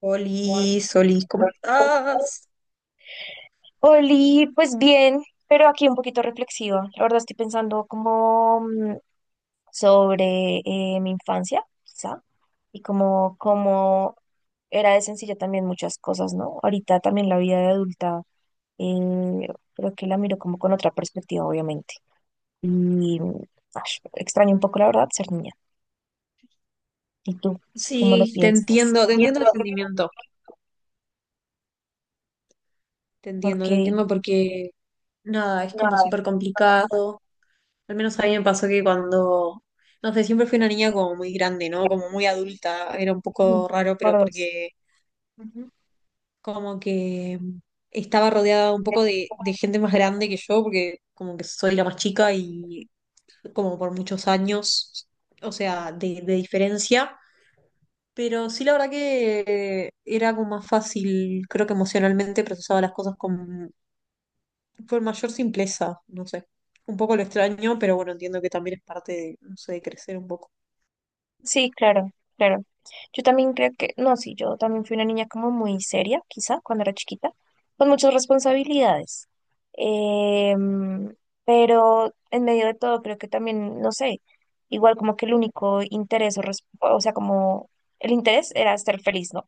Oli, Solís, ¿cómo estás? Oli, pues bien, pero aquí un poquito reflexiva. La verdad estoy pensando como sobre mi infancia, quizá, y como era de sencilla también muchas cosas, ¿no? Ahorita también la vida de adulta, eh, creo que la miro como con otra perspectiva, obviamente. Y mm, ash, extraño un poco, la verdad, ser niña. ¿Y tú cómo lo Sí, piensas? Te entiendo el sentimiento, Ok. te entiendo porque nada, es como súper complicado. Al menos a mí me pasó que cuando, no sé, siempre fui una niña como muy grande, ¿no? Como muy adulta, era un Ujú. poco raro, Por pero dos. porque como que estaba rodeada un poco de gente más grande que yo, porque como que soy la más chica y como por muchos años, o sea, de diferencia. Pero sí, la verdad que era como más fácil, creo que emocionalmente procesaba las cosas con mayor simpleza, no sé. Un poco lo extraño, pero bueno, entiendo que también es parte de, no sé, de crecer un poco. Sí, claro, claro. Yo también creo que, no, sí, yo también fui una niña como muy seria, quizá, cuando era chiquita, con muchas responsabilidades. Em, pero en medio de todo, creo que también, no sé, igual como que el único interés, o sea, como el interés era estar feliz, ¿no?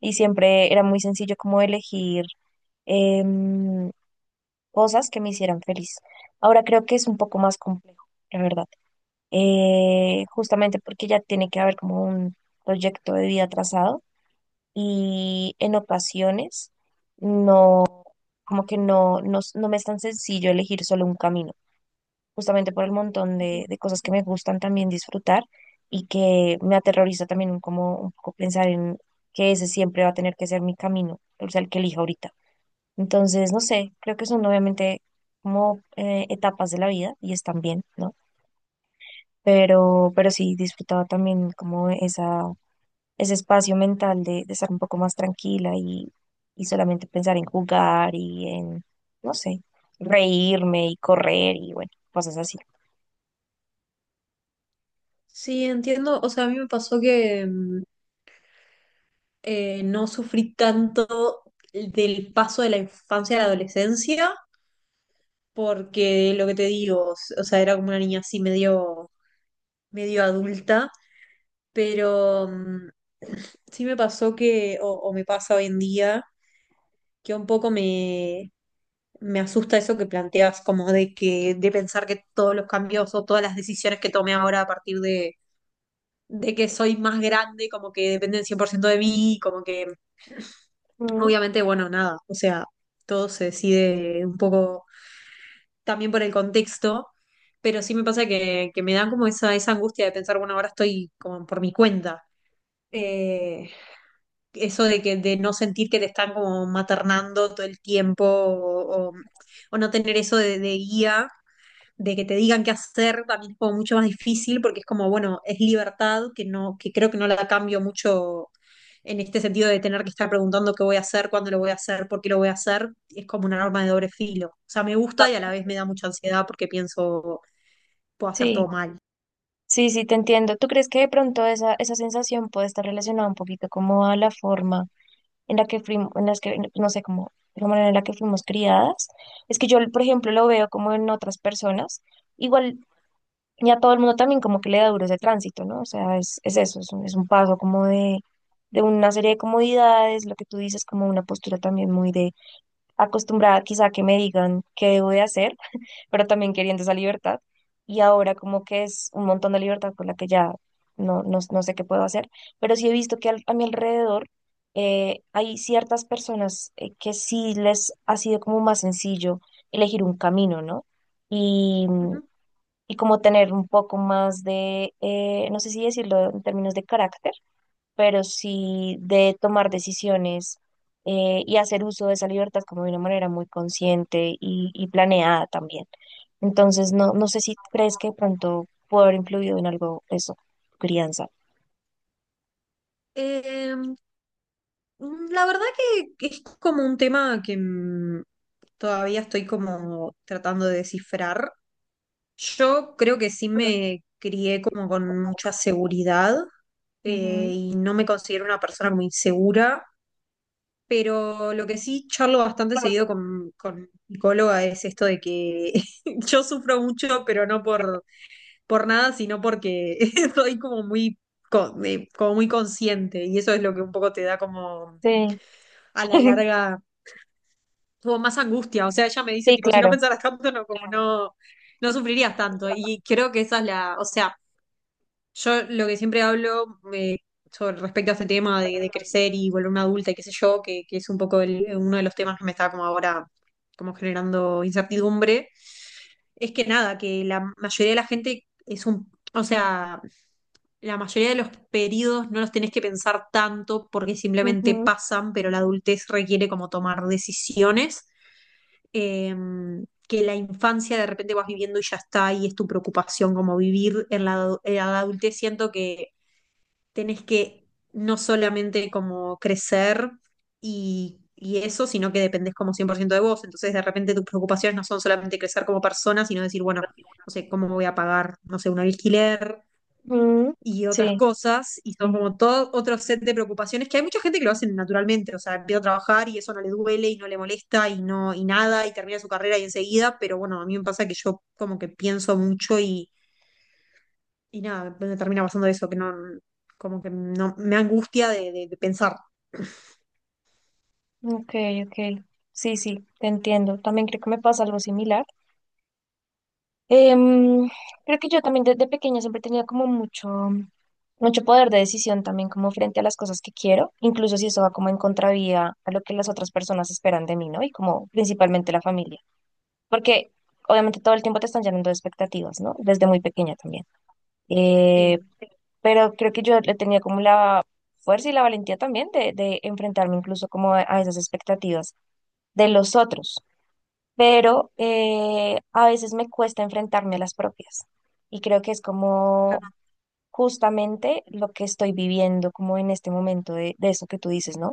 Y siempre era muy sencillo como elegir em, cosas que me hicieran feliz. Ahora creo que es un poco más complejo, la verdad. Justamente porque ya tiene que haber como un proyecto de vida trazado y en ocasiones no, como que no me es tan sencillo elegir solo un camino, justamente por el montón de, Entiendo. de cosas que me gustan también disfrutar y que me aterroriza también como un poco pensar en que ese siempre va a tener que ser mi camino, o sea, el que elija ahorita. Entonces, no sé, creo que son obviamente como etapas de la vida y están bien, ¿no? Pero sí disfrutaba también como esa, ese espacio mental de estar un poco más tranquila y solamente pensar en jugar y en, no sé, reírme y correr y bueno, cosas así. Sí, entiendo, o sea, a mí me pasó que no sufrí tanto del paso de la infancia a la adolescencia, porque lo que te digo, o sea, era como una niña así medio medio adulta. Pero sí me pasó que, o me pasa hoy en día, que un poco me asusta eso que planteas, como de que, de pensar que todos los cambios o todas las decisiones que tomé ahora a partir de que soy más grande, como que dependen 100% de mí, como que, Mm, obviamente, bueno, nada, o sea, todo se decide un poco también por el contexto. Pero sí me pasa que me dan como esa angustia de pensar, bueno, ahora estoy como por mi cuenta. Eh, Eso de que de no sentir que te están como maternando todo el tiempo o no tener eso de guía, de que te digan qué hacer, también es como mucho más difícil porque es como, bueno, es libertad que no, que creo que no la cambio mucho en este sentido de tener que estar preguntando qué voy a hacer, cuándo lo voy a hacer, por qué lo voy a hacer, es como una arma de doble filo. O sea, me gusta y a la vez me da mucha ansiedad porque pienso, puedo hacer sí, todo mal. sí, sí, te entiendo. ¿Tú crees que de pronto esa sensación puede estar relacionada un poquito como a la forma en la que fuimos, en las que, no sé, como la manera en la que fuimos criadas? Es que yo, por ejemplo, lo veo como en otras personas. Igual. Y a todo el mundo también como que le da duro ese tránsito, ¿no? O sea, es eso, es un paso como de una serie de comodidades, lo que tú dices como una postura también muy de acostumbrada quizá a que me digan qué debo de hacer, pero también queriendo esa libertad. Y ahora como que es un montón de libertad con la que ya no sé qué puedo hacer, pero sí he visto que a mi alrededor hay ciertas personas que sí les ha sido como más sencillo elegir un camino, ¿no? Ujú. y como tener un poco más de, no sé si decirlo en términos de carácter, pero sí de tomar decisiones y hacer uso de esa libertad como de una manera muy consciente y planeada también. Entonces, no, no sé si crees que de pronto puede haber influido en algo eso, tu crianza. Em, La verdad que es como un tema que todavía estoy como tratando de descifrar. Yo creo que sí me crié como con mucha seguridad Ujú. eh, y no me considero una persona muy insegura, pero lo que sí charlo bastante seguido con mi psicóloga es esto de que yo sufro mucho, pero no por nada, sino porque soy como muy, como muy consciente y eso es lo que un poco te da como Sí. a la larga tuvo más angustia. O sea, ella me dice, Sí, tipo, si no claro. pensaras tanto, no, como claro. No, no sufrirías tanto. Y creo que esa es la, o sea, yo lo que siempre hablo sobre respecto a este tema de crecer y volverme adulta y qué sé yo, que es un poco uno de los temas que me está como ahora, como generando incertidumbre, es que nada, que la mayoría de la gente es un, o sea... La mayoría de los periodos no los tenés que pensar tanto porque simplemente Ujú. pasan, pero la adultez requiere como tomar decisiones, que la infancia de repente vas viviendo y ya está, y es tu preocupación como vivir en la, en la adultez. Siento que tenés que no solamente como crecer y eso, sino que dependés como 100% de vos. Entonces de repente tus preocupaciones no son solamente crecer como persona, sino decir, bueno, no sé, cómo voy a pagar, no sé, un alquiler, Mm, y otras sí. cosas, y son como todo otro set de preocupaciones que hay mucha gente que lo hace naturalmente, o sea, empieza a trabajar y eso no le duele y no le molesta y no y nada y termina su carrera y enseguida, pero bueno, a mí me pasa que yo como que pienso mucho y nada, me termina pasando eso, que no, como que no, me angustia de, de pensar. Ok, ok. Sí, sí, te entiendo. También creo que me pasa algo similar. Em, creo que yo también desde pequeña siempre he tenido como mucho, mucho poder de decisión también como frente a las cosas que quiero, incluso si eso va como en contravía a lo que las otras personas esperan de mí, ¿no? Y como principalmente la familia, porque obviamente todo el tiempo te están llenando de expectativas, ¿no? Desde muy pequeña también. Eh, Sí, pero creo que yo le tenía como la fuerza y la valentía también de enfrentarme incluso como a esas expectativas de los otros pero a veces me cuesta enfrentarme a las propias. Y creo que es como claro. justamente lo que estoy viviendo como en este momento de eso que tú dices, ¿no?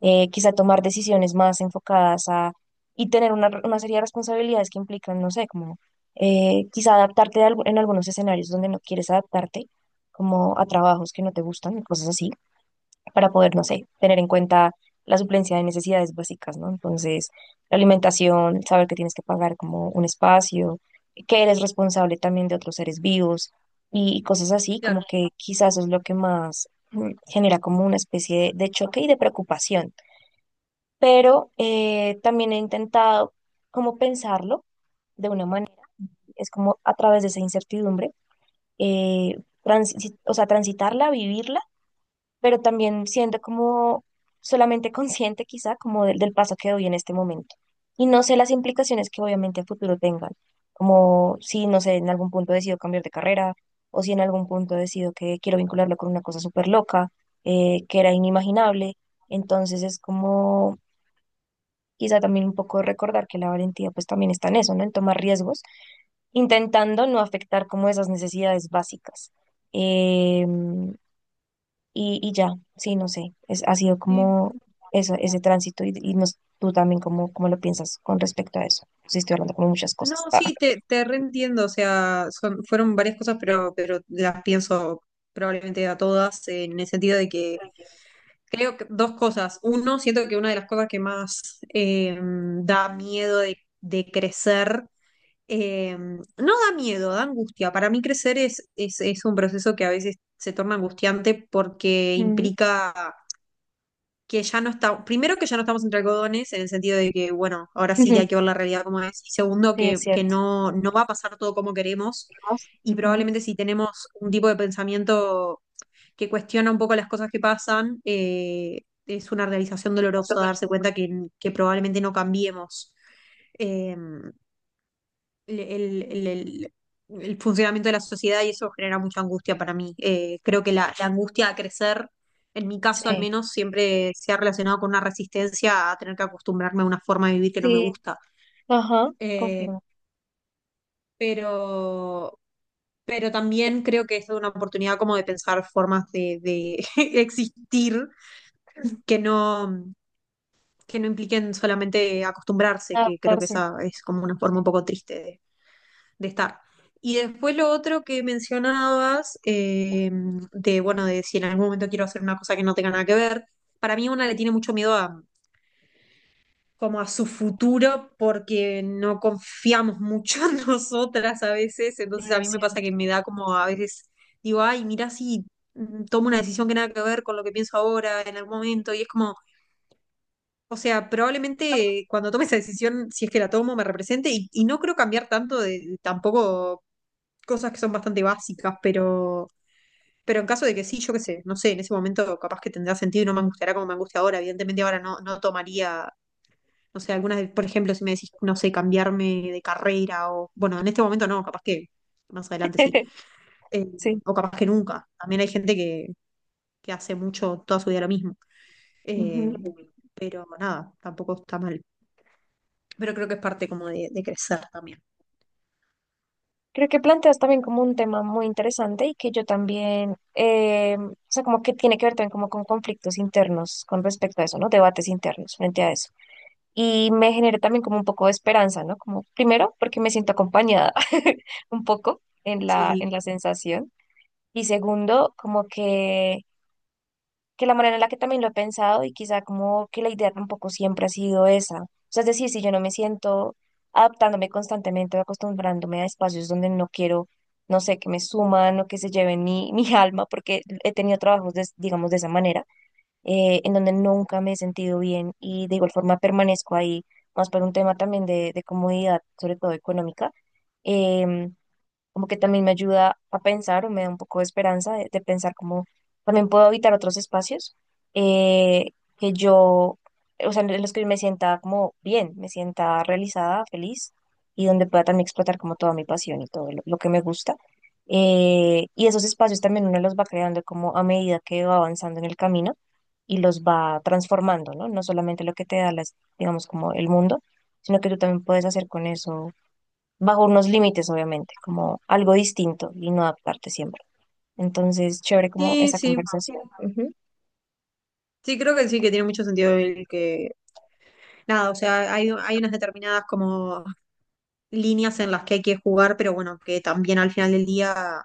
Quizá tomar decisiones más enfocadas a y tener una serie de responsabilidades que implican, no sé, como quizá adaptarte en algunos escenarios donde no quieres adaptarte, como a trabajos que no te gustan, cosas así para poder, no sé, tener en cuenta la suplencia de necesidades básicas, ¿no? Entonces, la alimentación, saber que tienes que pagar como un espacio, que eres responsable también de otros seres vivos y cosas así, Claro. como que quizás es lo que más genera como una especie de choque y de preocupación. Pero también he intentado como pensarlo de una manera, es como a través de esa incertidumbre, eh, o sea, transitarla, vivirla pero también siendo como solamente consciente quizá como del paso que doy en este momento. Y no sé las implicaciones que obviamente a futuro tengan, como si, no sé, en algún punto decido cambiar de carrera o si en algún punto decido que quiero vincularlo con una cosa súper loca, que era inimaginable. Entonces es como quizá también un poco recordar que la valentía pues también está en eso, ¿no? En tomar riesgos, intentando no afectar como esas necesidades básicas. Em, y ya, sí, no sé, es, ha sido Sí. como eso, ese tránsito y tú también cómo lo piensas con respecto a eso. Sí, estoy hablando como muchas No, cosas. Ah. sí, te reentiendo, o sea, son, fueron varias cosas, pero las pienso probablemente a todas, en el sentido de que creo que dos cosas. Uno, siento que una de las cosas que más da miedo de crecer, eh, no da miedo, da angustia. Para mí crecer es un proceso que a veces se torna angustiante porque Ujú. implica que ya no está, primero que ya no estamos entre algodones, en el sentido de que, bueno, ahora sí hay que ver la realidad como es. Y segundo, Sí, es que cierto. no, no va a pasar todo como queremos. Y Ujú. probablemente si tenemos un tipo de pensamiento que cuestiona un poco las cosas que pasan, es una realización dolorosa darse cuenta que probablemente no cambiemos eh, el, el- el- el- el funcionamiento de la sociedad y eso genera mucha angustia para mí. Creo que la angustia a crecer, en mi caso al Sí, menos, siempre se ha relacionado con una resistencia a tener que acostumbrarme a una forma de vivir que no me sí, gusta. ajá, Eh, confirmo. pero, pero también creo que es una oportunidad como de pensar formas de existir que no, que no impliquen solamente acostumbrarse, que creo que Adaptarse, esa es como una forma un poco triste de estar. Y después lo otro que mencionabas, de bueno, de si en algún momento quiero hacer una cosa que no tenga nada que ver, para mí una le tiene mucho miedo a como a su futuro porque no confiamos mucho en nosotras a veces, sí, entonces a es mí me pasa cierto. que me da como a veces, digo, ay, mira si tomo una decisión que nada que ver con lo que pienso ahora en algún momento y es como o sea, probablemente cuando tome esa decisión, si es que la tomo, me represente y no creo cambiar tanto de tampoco cosas que son bastante básicas, pero en caso de que sí, yo qué sé, no sé, en ese momento capaz que tendrá sentido y no me angustiará como me angustia ahora. Evidentemente ahora no, no tomaría, no sé, algunas, por ejemplo, si me decís, no sé, cambiarme de carrera o, bueno, en este momento no, capaz que más adelante sí, eh, Sí. o capaz que nunca. También hay gente que hace mucho toda su vida lo mismo. Eh, Ujú. pero nada, tampoco está mal. Pero creo que es parte como de crecer también. Creo que planteas también como un tema muy interesante y que yo también, o sea, como que tiene que ver también como con conflictos internos con respecto a eso, ¿no? Debates internos frente a eso. Y me generó también como un poco de esperanza, ¿no? Como primero, porque me siento acompañada un poco en la, Sí, en la sensación y segundo, como que la manera en la que también lo he pensado y quizá como que la idea tampoco siempre ha sido esa. O sea, es decir, si yo no me siento adaptándome constantemente o acostumbrándome a espacios donde no quiero, no sé, que me suman o que se lleven mi, mi alma, porque he tenido trabajos, digamos, de esa manera en donde nunca me he sentido bien y de igual forma permanezco ahí, más por un tema también de comodidad, sobre todo económica. em, como que también me ayuda a pensar o me da un poco de esperanza de pensar cómo también puedo habitar otros espacios eh, que yo, o sea, en los que me sienta como bien, me sienta realizada, feliz y donde pueda también explotar como toda mi pasión y todo lo que me gusta. Y esos espacios también uno los va creando como a medida que va avanzando en el camino y los va transformando, ¿no? No solamente lo que te da las, digamos, como el mundo, sino que tú también puedes hacer con eso bajo unos límites, obviamente, como algo distinto y no adaptarte siempre. Entonces, chévere como sí, esa sí. conversación. Ujú, Sí, creo que sí, que tiene mucho sentido el que. Nada, o sea, hay unas determinadas como líneas en las que hay que jugar, pero bueno, que también al final del día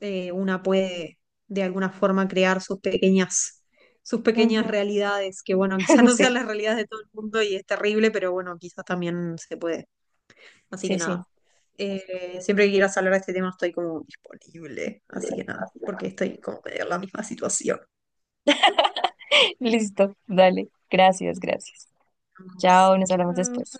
una puede de alguna forma crear sus ujú. pequeñas realidades, que bueno, quizás no Sí, sean las realidades de todo el mundo y es terrible, pero bueno, quizás también se puede. Así sí, que sí. nada. Siempre que quieras hablar de este tema estoy como disponible. Así que nada, porque estoy como medio en la misma situación. Listo, dale. Gracias, gracias. Nos vemos. Chao, nos hablamos Chao. después.